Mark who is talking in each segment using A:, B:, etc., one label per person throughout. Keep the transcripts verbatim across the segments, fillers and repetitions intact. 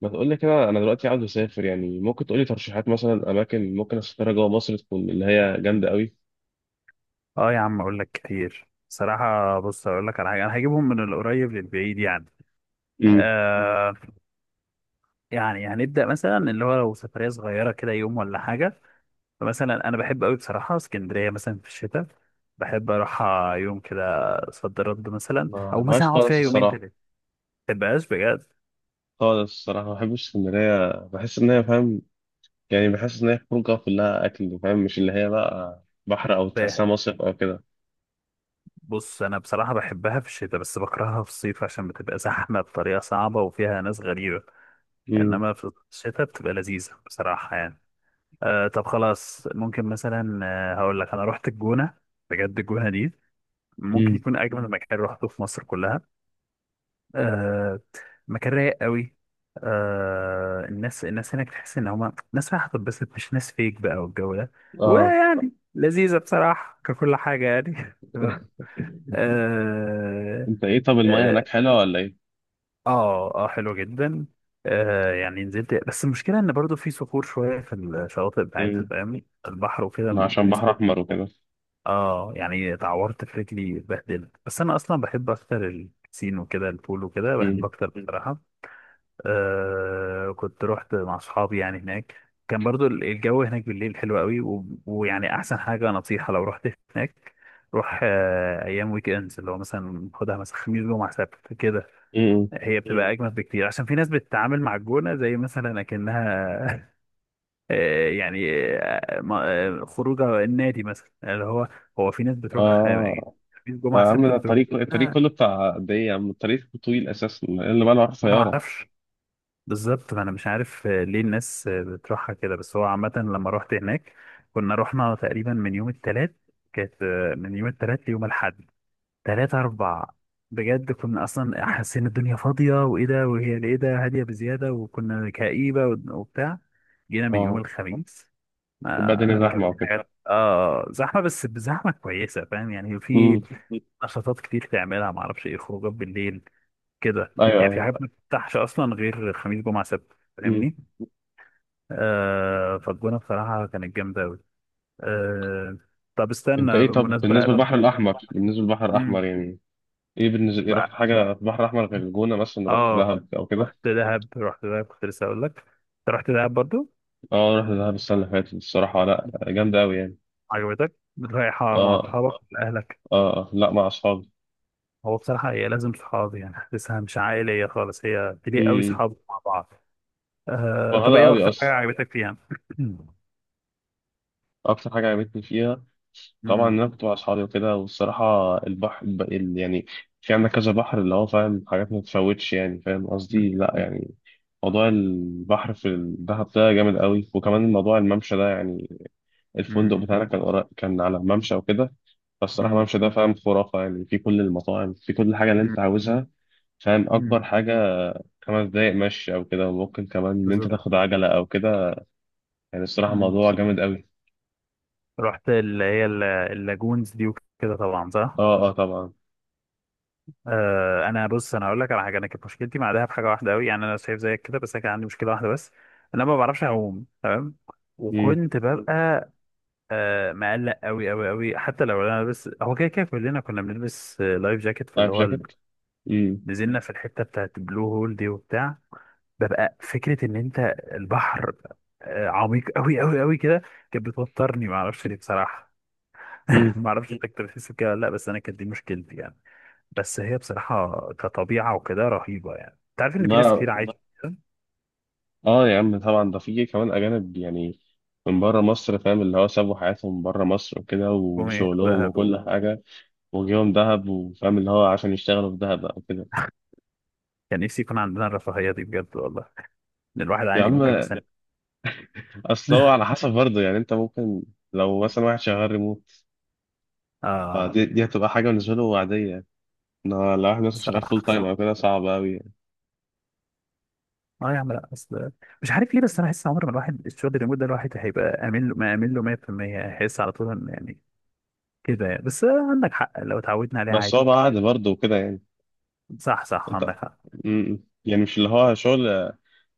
A: ما تقول لي كده، انا دلوقتي عاوز اسافر، يعني ممكن تقول لي ترشيحات؟ مثلا اماكن ممكن اسافرها جوه مصر، تكون اللي هي جامده قوي.
B: اه يا عم، اقول لك كتير صراحة. بص، اقول لك على حاجة، انا هجيبهم من القريب للبعيد يعني. مم.
A: امم.
B: آه. يعني هنبدأ مثلا اللي هو لو سفرية صغيرة كده، يوم ولا حاجة. فمثلا انا بحب قوي بصراحة اسكندرية مثلا في الشتاء. بحب اروح يوم كده، صد رد، مثلا
A: ما
B: او مثلا
A: بحبهاش
B: اقعد فيها
A: خالص
B: يومين
A: الصراحه.
B: تلاتة. ما تبقاش بجد.
A: خالص الصراحه ما بحبش اسكندريه، بحس ان هي، فاهم، يعني بحس ان هي خروجه كلها اكل، فاهم، مش اللي هي بقى بحر او
B: ف-
A: تحسها مصيف او كده.
B: بص، انا بصراحة بحبها في الشتاء بس بكرهها في الصيف عشان بتبقى زحمة بطريقة صعبة وفيها ناس غريبة.
A: امم.
B: انما في الشتاء بتبقى لذيذة بصراحة يعني. آه، طب خلاص ممكن مثلا. آه هقول لك انا رحت الجونه. بجد الجونه دي ممكن
A: امم.
B: يكون اجمل مكان رحته في مصر كلها. آه. مكان رايق قوي. آه، الناس الناس هناك تحس ان هما ناس رايحه تتبسط، مش ناس فيك بقى والجو ده،
A: اه.
B: ويعني لذيذه بصراحه ككل حاجه يعني. تمام. اه.
A: انت ايه؟ طب المايه هناك
B: اه.
A: حلوه ولا ايه؟
B: آه، آه، حلو جدا. آه، يعني نزلت. بس المشكله ان برضو في صخور شويه في الشواطئ بتاعتها،
A: امم.
B: فاهمني، البحر وكده
A: ما عشان
B: في
A: بحر
B: صخور.
A: احمر وكده.
B: اه يعني اتعورت في رجلي، اتبهدلت، بس انا اصلا بحب اكتر البسين وكده، البول وكده بحب
A: امم.
B: اكتر مم. بصراحه. آه، كنت رحت مع اصحابي يعني هناك. كان برضو ال- الجو هناك بالليل حلو قوي و... ويعني احسن حاجه نصيحه لو رحت هناك، روح آه ايام ويك اندز، اللي هو مثلا خدها مثلا خميس جمعه سبت كده.
A: امم.
B: هي مم. بتبقى اجمد بكتير عشان في ناس بتتعامل مع الجونه زي مثلا اكنها. آه، يعني آه، ما- آه، خروجه النادي مثلا اللي هو، هو في ناس بتروح. آه، يعني
A: اه.
B: في
A: طيب
B: جمعة
A: يا عم،
B: سبت
A: ده
B: بتروح.
A: الطريق الطريق
B: آه،
A: كله بتاع قد ايه يا عم؟ الطريق طويل اساسا اللي بقى رايح
B: انا ما
A: سياره.
B: اعرفش بالظبط، ما انا مش عارف آه، ليه الناس آه، بتروحها كده. بس هو عامة لما رحت هناك كنا رحنا تقريبا من يوم التلات. كانت آه، من يوم التلات ليوم الاحد، تلات اربع، بجد كنا اصلا حاسين الدنيا فاضية وايه ده، وهي ايه ده، هادية بزيادة وكنا كئيبة وبتاع. جينا من يوم
A: اه.
B: الخميس،
A: تبقى الدنيا
B: ما كان في
A: زحمه وكده.
B: حاجات، اه زحمه، بس بزحمه كويسه، فاهم يعني، في
A: امم.
B: نشاطات كتير تعملها، ما اعرفش ايه، خروجات بالليل كده
A: ايوه،
B: يعني. في
A: ايوه.
B: حاجات ما بتفتحش اصلا غير خميس جمعه سبت،
A: امم.
B: فاهمني. آه، فالجونه بصراحه كانت جامده قوي. آه. طب
A: انت
B: استنى
A: ايه؟ طب
B: بالمناسبه،
A: بالنسبه
B: طب
A: للبحر
B: بالنسبه
A: الاحمر
B: بقى
A: بالنسبه للبحر الاحمر
B: امم
A: يعني، ايه بالنسبه، ايه رحت
B: بقى-
A: حاجه في البحر الاحمر غير الجونه؟ مثلا رحت
B: اه،
A: دهب او كده؟
B: رحت دهب رحت دهب كنت لسه اقول لك، انت رحت دهب برضو؟
A: اه، رحت دهب السنه اللي فاتت، الصراحه لا، جامده قوي يعني.
B: عجبتك؟ رايحه مع
A: اه،
B: اصحابك ولا اهلك؟
A: اه، آه، لا، مع اصحابي.
B: هو بصراحة هي لازم صحاب يعني، حاسسها مش عائلية خالص، هي بليق قوي
A: امم.
B: صحاب مع بعض. آه طب
A: فرهده
B: ايه
A: قوي
B: أكتر حاجة
A: اصلا.
B: عجبتك فيها؟ مم،
A: اكتر حاجه عجبتني فيها طبعا
B: مم،
A: إن انا كنت مع اصحابي وكده، والصراحه البحر ب- ال- يعني، في عندك كذا بحر، اللي هو، فاهم، حاجات ما تتفوتش، يعني فاهم قصدي، لا يعني. موضوع البحر في الدهب ده جامد قوي، وكمان موضوع الممشى ده، يعني الفندق
B: مم،
A: بتاعنا كان قرا- كان على ممشى وكده. فالصراحه
B: مم،
A: الممشى ده فاهم خرافه، يعني في كل المطاعم، في كل حاجه اللي
B: مم،
A: انت عاوزها. فاهم،
B: مم،
A: اكبر حاجه خمس دقايق مشي او كده، وممكن كمان ان انت
B: بالظبط.
A: تاخد عجله او كده. يعني الصراحه
B: مم.
A: موضوع جامد قوي.
B: رحت اللي هي ال- اللاجونز دي وكده طبعا صح؟
A: اه، اه، طبعا.
B: آه، انا بص، انا هقول لك على حاجة. انا كانت مشكلتي مع دهب حاجة واحدة قوي يعني، انا شايف زيك كده بس انا كان عندي مشكلة واحدة بس، إن انا ما بعرفش اعوم تمام.
A: امم.
B: وكنت ببقى آه مقلق قوي قوي قوي حتى لو انا بس، هو كده كده كلنا كنا بنلبس آه، لايف جاكيت في
A: لايف
B: اللي هو ال-
A: جاكيت.
B: نزلنا في الحته بتاعت بلو هول دي وبتاع. ببقى فكره ان انت البحر آه عميق قوي قوي قوي كده، كانت بتوترني، ما اعرفش ليه بصراحه.
A: مم.
B: ما اعرفش انت كنت بتحس بكده ولا لا، بس انا كانت دي مشكلتي يعني. بس هي بصراحه كطبيعه وكده رهيبه يعني، انت عارف ان في ناس
A: لا،
B: كتير عادي.
A: اه يا عم طبعا، ده في كمان اجانب يعني، من بره مصر، فاهم، اللي هو سابوا حياتهم بره مصر وكده،
B: والله جم
A: وشغلهم
B: والله ياخدوها
A: وكل
B: والله.
A: حاجه. وجيهم دهب، وفاهم اللي هو عشان يشتغلوا في دهب او كده.
B: كان نفسي يكون عندنا الرفاهيه دي بجد والله، ان الواحد
A: يا
B: عادي
A: عم،
B: ممكن في سنه.
A: اصل هو على حسب برضه يعني، انت ممكن، لو مثلا واحد شغال ريموت،
B: اه.
A: فدي دي هتبقى حاجه بالنسبه له عاديه. انما لو واحد مثلا شغال فول
B: صح،
A: تايم
B: صح.
A: او كده، صعب قوي يعني.
B: اه يا عم، لا اصل مش عارف ليه، بس انا احس عمر ما الواحد الشغل الريموت ده الواحد هيبقى امين له ما امين له مية في المية. هيحس على طول ان يعني كده يعني. بس عندك حق لو اتعودنا عليه
A: بس
B: عادي.
A: هو بقى عادي برضه وكده يعني.
B: صح، صح،
A: انت
B: عندك حق.
A: مم. يعني مش اللي هو شغل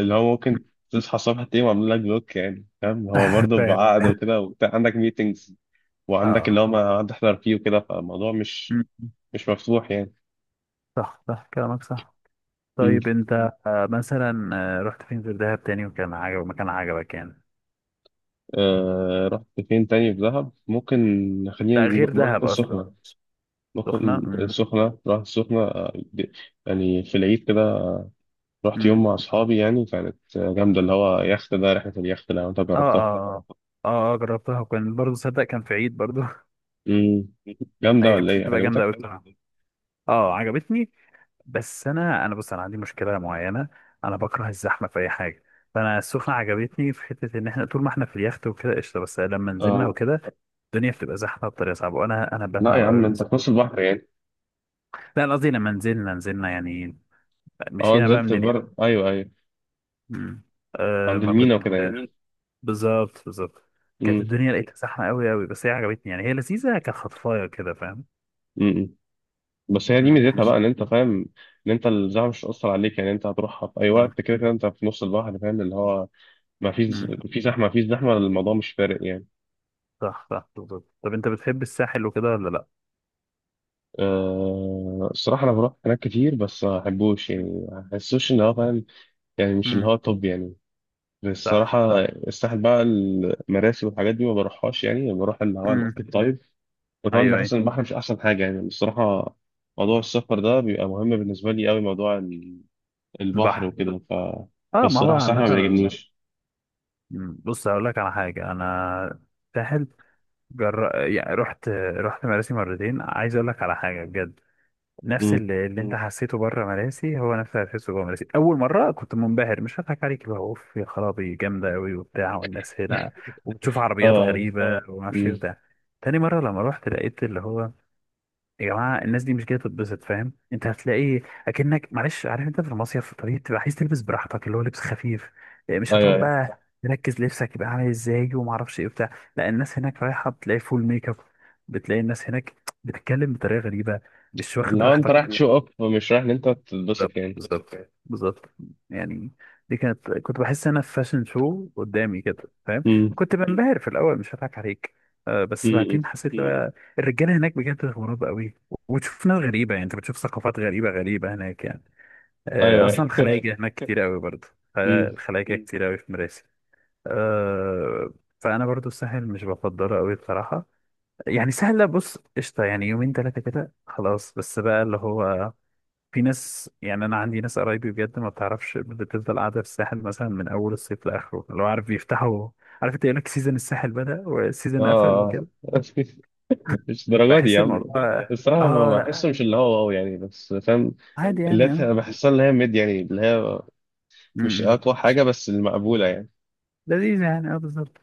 A: اللي هو ممكن تصحى الصبح تلاقيهم عاملين لك بلوك، يعني فاهم، هو برضه
B: فاهم.
A: بعقد وكده وبتاع، عندك ميتنجز، وعندك اللي
B: اه.
A: هو ما هتحضر فيه وكده، فالموضوع مش،
B: م- م.
A: مش مفتوح يعني.
B: صح، صح، كلامك صح.
A: مم.
B: طيب انت آه، مثلا آه، رحت فين غير دهب تاني وكان عجبك مكان عجبك يعني.
A: آه رحت فين تاني في دهب؟ ممكن خلينا
B: لا غير
A: نروح، رحت
B: دهب اصلا.
A: السخنة،
B: سخنة
A: ممكن
B: م-
A: السخنة، رحت السخنة، آه، د- يعني في العيد كده رحت
B: م.
A: يوم مع أصحابي، يعني كانت آه، جامدة. اللي هو يخت، ده رحلة اليخت لو أنت
B: اه،
A: جربتها.
B: اه، اه، اه، آه، جربتها وكان برضه صدق كان في عيد برضه.
A: مم. جامدة
B: هي
A: ولا إيه؟
B: بتبقى جامدة
A: عجبتك؟
B: قوي بصراحة. اه عجبتني. بس انا انا بص انا عندي مشكله معينه. انا بكره الزحمه في اي حاجه. فانا السخنه عجبتني في حته ان احنا طول ما احنا في اليخت وكده قشطه، بس لما نزلنا
A: اه،
B: وكده الدنيا بتبقى زحمه بطريقه صعبه، وانا انا
A: لا
B: بتعب
A: يا
B: قوي
A: عم،
B: من
A: أنت
B: الزحمه.
A: في نص البحر يعني.
B: لا أنا قصدي لما نزلنا، نزلنا يعني
A: اه،
B: مشينا بقى
A: نزلت
B: من
A: بر،
B: اليخت.
A: ايوه ايوه،
B: أمم. آه
A: عند
B: ما
A: المينا
B: كنت
A: وكده يعني.
B: آه بالظبط، بالظبط. كانت
A: امم.
B: الدنيا لقيتها زحمه قوي قوي، بس هي عجبتني يعني، هي لذيذه كخطفايه كده فاهم.
A: امم. امم. بس هي دي
B: أمم.
A: ميزتها بقى، ان انت فاهم ان انت الزحمه مش هتأثر عليك، يعني انت هتروحها في اي
B: أمم.
A: وقت، كده كده انت في نص البحر، فاهم اللي هو ما فيش،
B: أمم.
A: في زحمه ما فيش زحمه، الموضوع مش فارق يعني.
B: صح، صح، بالظبط. طب انت بتحب الساحل وكده ولا لا؟
A: أه، الصراحه انا بروح هناك كتير، بس ما بحبوش يعني، ما بحسوش ان هو فاهم، يعني مش اللي
B: أمم.
A: هو، طب يعني، بس
B: صح.
A: الصراحة الساحل بقى، المراسي والحاجات دي ما بروحهاش، يعني بروح اللي هو الاكتيف، طيب. وكمان
B: ايوه، ايوه.
A: بحس ان البحر مش احسن حاجة يعني، الصراحة موضوع السفر ده بيبقى مهم بالنسبة لي قوي، موضوع البحر
B: البحر،
A: وكده، ف
B: اه، ما
A: فالصراحة
B: هو
A: الصراحة
B: نفس
A: ما
B: مثلا المسافة.
A: بيعجبنيش.
B: مم، بص هقول لك على حاجه انا، ساحل، جر... يعني رحت رحت مراسي مرتين، عايز اقول لك على حاجه بجد. نفس
A: مم.
B: اللي, اللي انت مم. حسيته بره مراسي هو نفس اللي حسيته جوه مراسي. اول مره كنت منبهر، مش هضحك عليك، اللي هو اوف يا خرابي، جامده قوي وبتاع، والناس هنا، وبتشوف عربيات
A: اه.
B: غريبه اه وما اعرفش ايه
A: مم.
B: وبتاع. تاني مره لما رحت لقيت اللي هو، يا جماعه الناس دي مش جايه تتبسط، فاهم، انت هتلاقي اكنك معلش، عارف انت في المصيف طبيعي تبقى عايز تلبس براحتك، اللي هو لبس خفيف. إيه، مش
A: ايوه
B: هتقعد
A: ايوه.
B: بقى تركز لبسك يبقى عامل ازاي وما اعرفش ايه بتاع. لا الناس هناك رايحه، بتلاقي فول ميك اب، بتلاقي الناس هناك بتتكلم بطريقه غريبه، مش واخد
A: اللي هو انت رايح
B: راحتك.
A: تشو اب، مش رايح ان انت تتبسط يعني.
B: بالظبط يعني. دي كانت كنت بحس انا في فاشن شو قدامي كده فاهم.
A: مم.
B: كنت بنبهر في الاول، مش هضحك عليك. آه بس
A: مم.
B: بعدين حسيت مم. بقى الرجاله هناك بجد غراب قوي. وتشوف ناس غريبه يعني، انت بتشوف ثقافات غريبه غريبه هناك يعني. آه
A: ايوه
B: اصلا. آه.
A: ايوه.
B: الخلايجه هناك كتير قوي برضه.
A: مم.
B: الخلايجه مم. كتير قوي في مراسي. آه، فانا برضو الساحل مش بفضله قوي بصراحه. يعني سهل، بص قشطه يعني، يومين ثلاثه كده خلاص، بس بقى اللي هو، في ناس يعني، انا عندي ناس قرايبي بجد ما بتعرفش، بتفضل قاعده في الساحل مثلا من اول الصيف لاخره، لو عارف بيفتحوا، عارف، انت يقول لك سيزون الساحل بدأ
A: اه.
B: وسيزون قفل
A: آه.
B: وكده.
A: مش الدرجة دي
B: بحس
A: يا عم.
B: الموضوع
A: الصراحة
B: اه
A: ما بحسه
B: لا
A: مش اللي هو واو يعني، بس فاهم،
B: عادي يعني
A: اللي هي
B: اه.
A: بحسها اللي هي ميد، يعني اللي هي
B: م-
A: مش
B: م.
A: أقوى حاجة، بس المقبولة يعني.
B: لذيذ يعني اه بالظبط.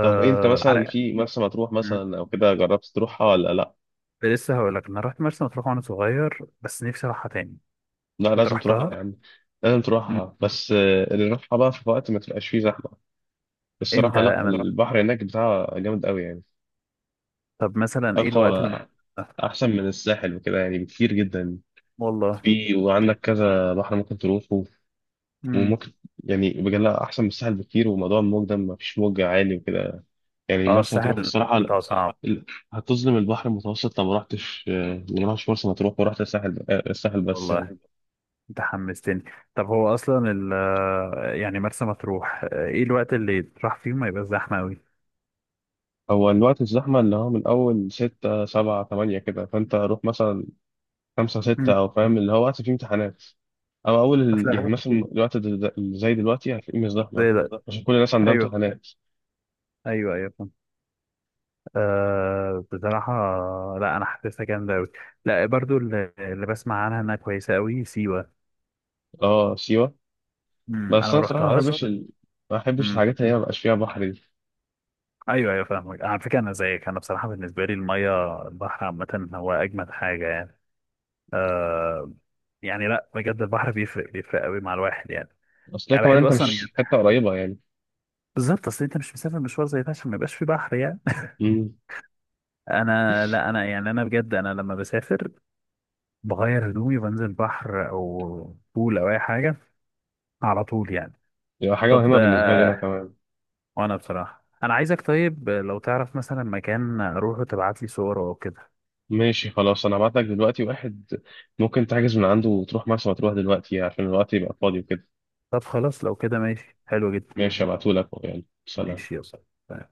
A: طب إيه، أنت مثلا
B: عرق.
A: في مرسى مطروح
B: م.
A: مثلا أو كده جربت تروحها ولا لأ؟
B: لسه هقول لك، انا رحت مرسى مطروح وانا صغير بس نفسي اروحها تاني.
A: لا
B: انت
A: لازم تروح
B: رحتها؟
A: يا عم. لازم
B: م.
A: تروحها، بس آه، اللي نروحها بقى في وقت ما تبقاش فيه زحمة. الصراحة
B: امتى بقى
A: لا،
B: مثلا؟
A: البحر هناك بتاعها جامد قوي يعني.
B: طب مثلا ايه الوقت
A: أقوى،
B: اللي؟
A: أحسن من الساحل وكده يعني، بكتير جدا.
B: والله.
A: في وعندك كذا بحر ممكن تروحه،
B: م.
A: وممكن، يعني بجد لا، أحسن من الساحل بكتير. وموضوع الموج ده، مفيش موج عالي وكده، يعني
B: اه
A: مرسى مطروح
B: الساحل
A: الصراحة لا.
B: بتاعه صعب.
A: ال- هتظلم البحر المتوسط لو ما رحتش، آه، لو ما رحتش مرسى مطروح ورحت الساحل، آه، الساحل بس يعني.
B: والله انت حمستني. طب هو اصلا ال آه، يعني مرسى مطروح، آه، ايه الوقت اللي تروح فيه ما يبقى زحمه قوي؟
A: هو الوقت الزحمة اللي هو من أول ستة سبعة تمانية كده، فأنت روح مثلا خمسة
B: مم.
A: ستة أو فاهم اللي هو وقت فيه امتحانات، أو أول
B: هو
A: ال... يعني
B: فاهم.
A: مثلا الوقت دل- دل- اللي زي دلوقتي هتلاقيه مش
B: زي
A: زحمة،
B: ده.
A: عشان كل الناس عندها
B: ايوه،
A: امتحانات.
B: ايوه، ايوه، فاهم. آه بصراحه لا انا حاسسها جامده قوي. لا برضو اللي, اللي بسمع عنها انها كويسه قوي، سيوه.
A: أه سيوة،
B: مم. انا
A: بس
B: ما
A: أنا صراحة ما
B: رحتهاش
A: بحبش
B: مرسى.
A: ال... ما بحبش
B: مم.
A: الحاجات اللي هي مبقاش فيها بحر دي.
B: ايوه، ايوه، فاهمك على فكره، انا زيك. انا بصراحه بالنسبه لي الميه، البحر عامه هو اجمد حاجه يعني. آه، يعني لا بجد البحر بيفرق، بيفرق قوي مع الواحد يعني.
A: أصل هي
B: انا
A: كمان،
B: بحب
A: أنت
B: اصلا.
A: مش حتة قريبة يعني.
B: بالظبط، اصل انت مش مسافر مشوار زي ده عشان ما يبقاش في بحر يعني.
A: امم.
B: انا لا انا يعني انا بجد انا لما بسافر بغير هدومي وبنزل بحر او بول او اي حاجه على طول يعني.
A: يبقى حاجة
B: طب
A: مهمة بالنسبة لي
B: آه،
A: أنا
B: اه
A: كمان.
B: وانا بصراحه انا عايزك، طيب لو تعرف مثلا مكان اروحه تبعت لي صور او كده.
A: ماشي خلاص، أنا هبعت لك دلوقتي واحد ممكن تحجز من عنده وتروح مرسى مطروح دلوقتي عشان الوقت يبقى فاضي وكده.
B: طب خلاص لو كده ماشي، حلو جدا.
A: ماشي، هبعتهولك، يعني سلام.
B: ماشي، يلا.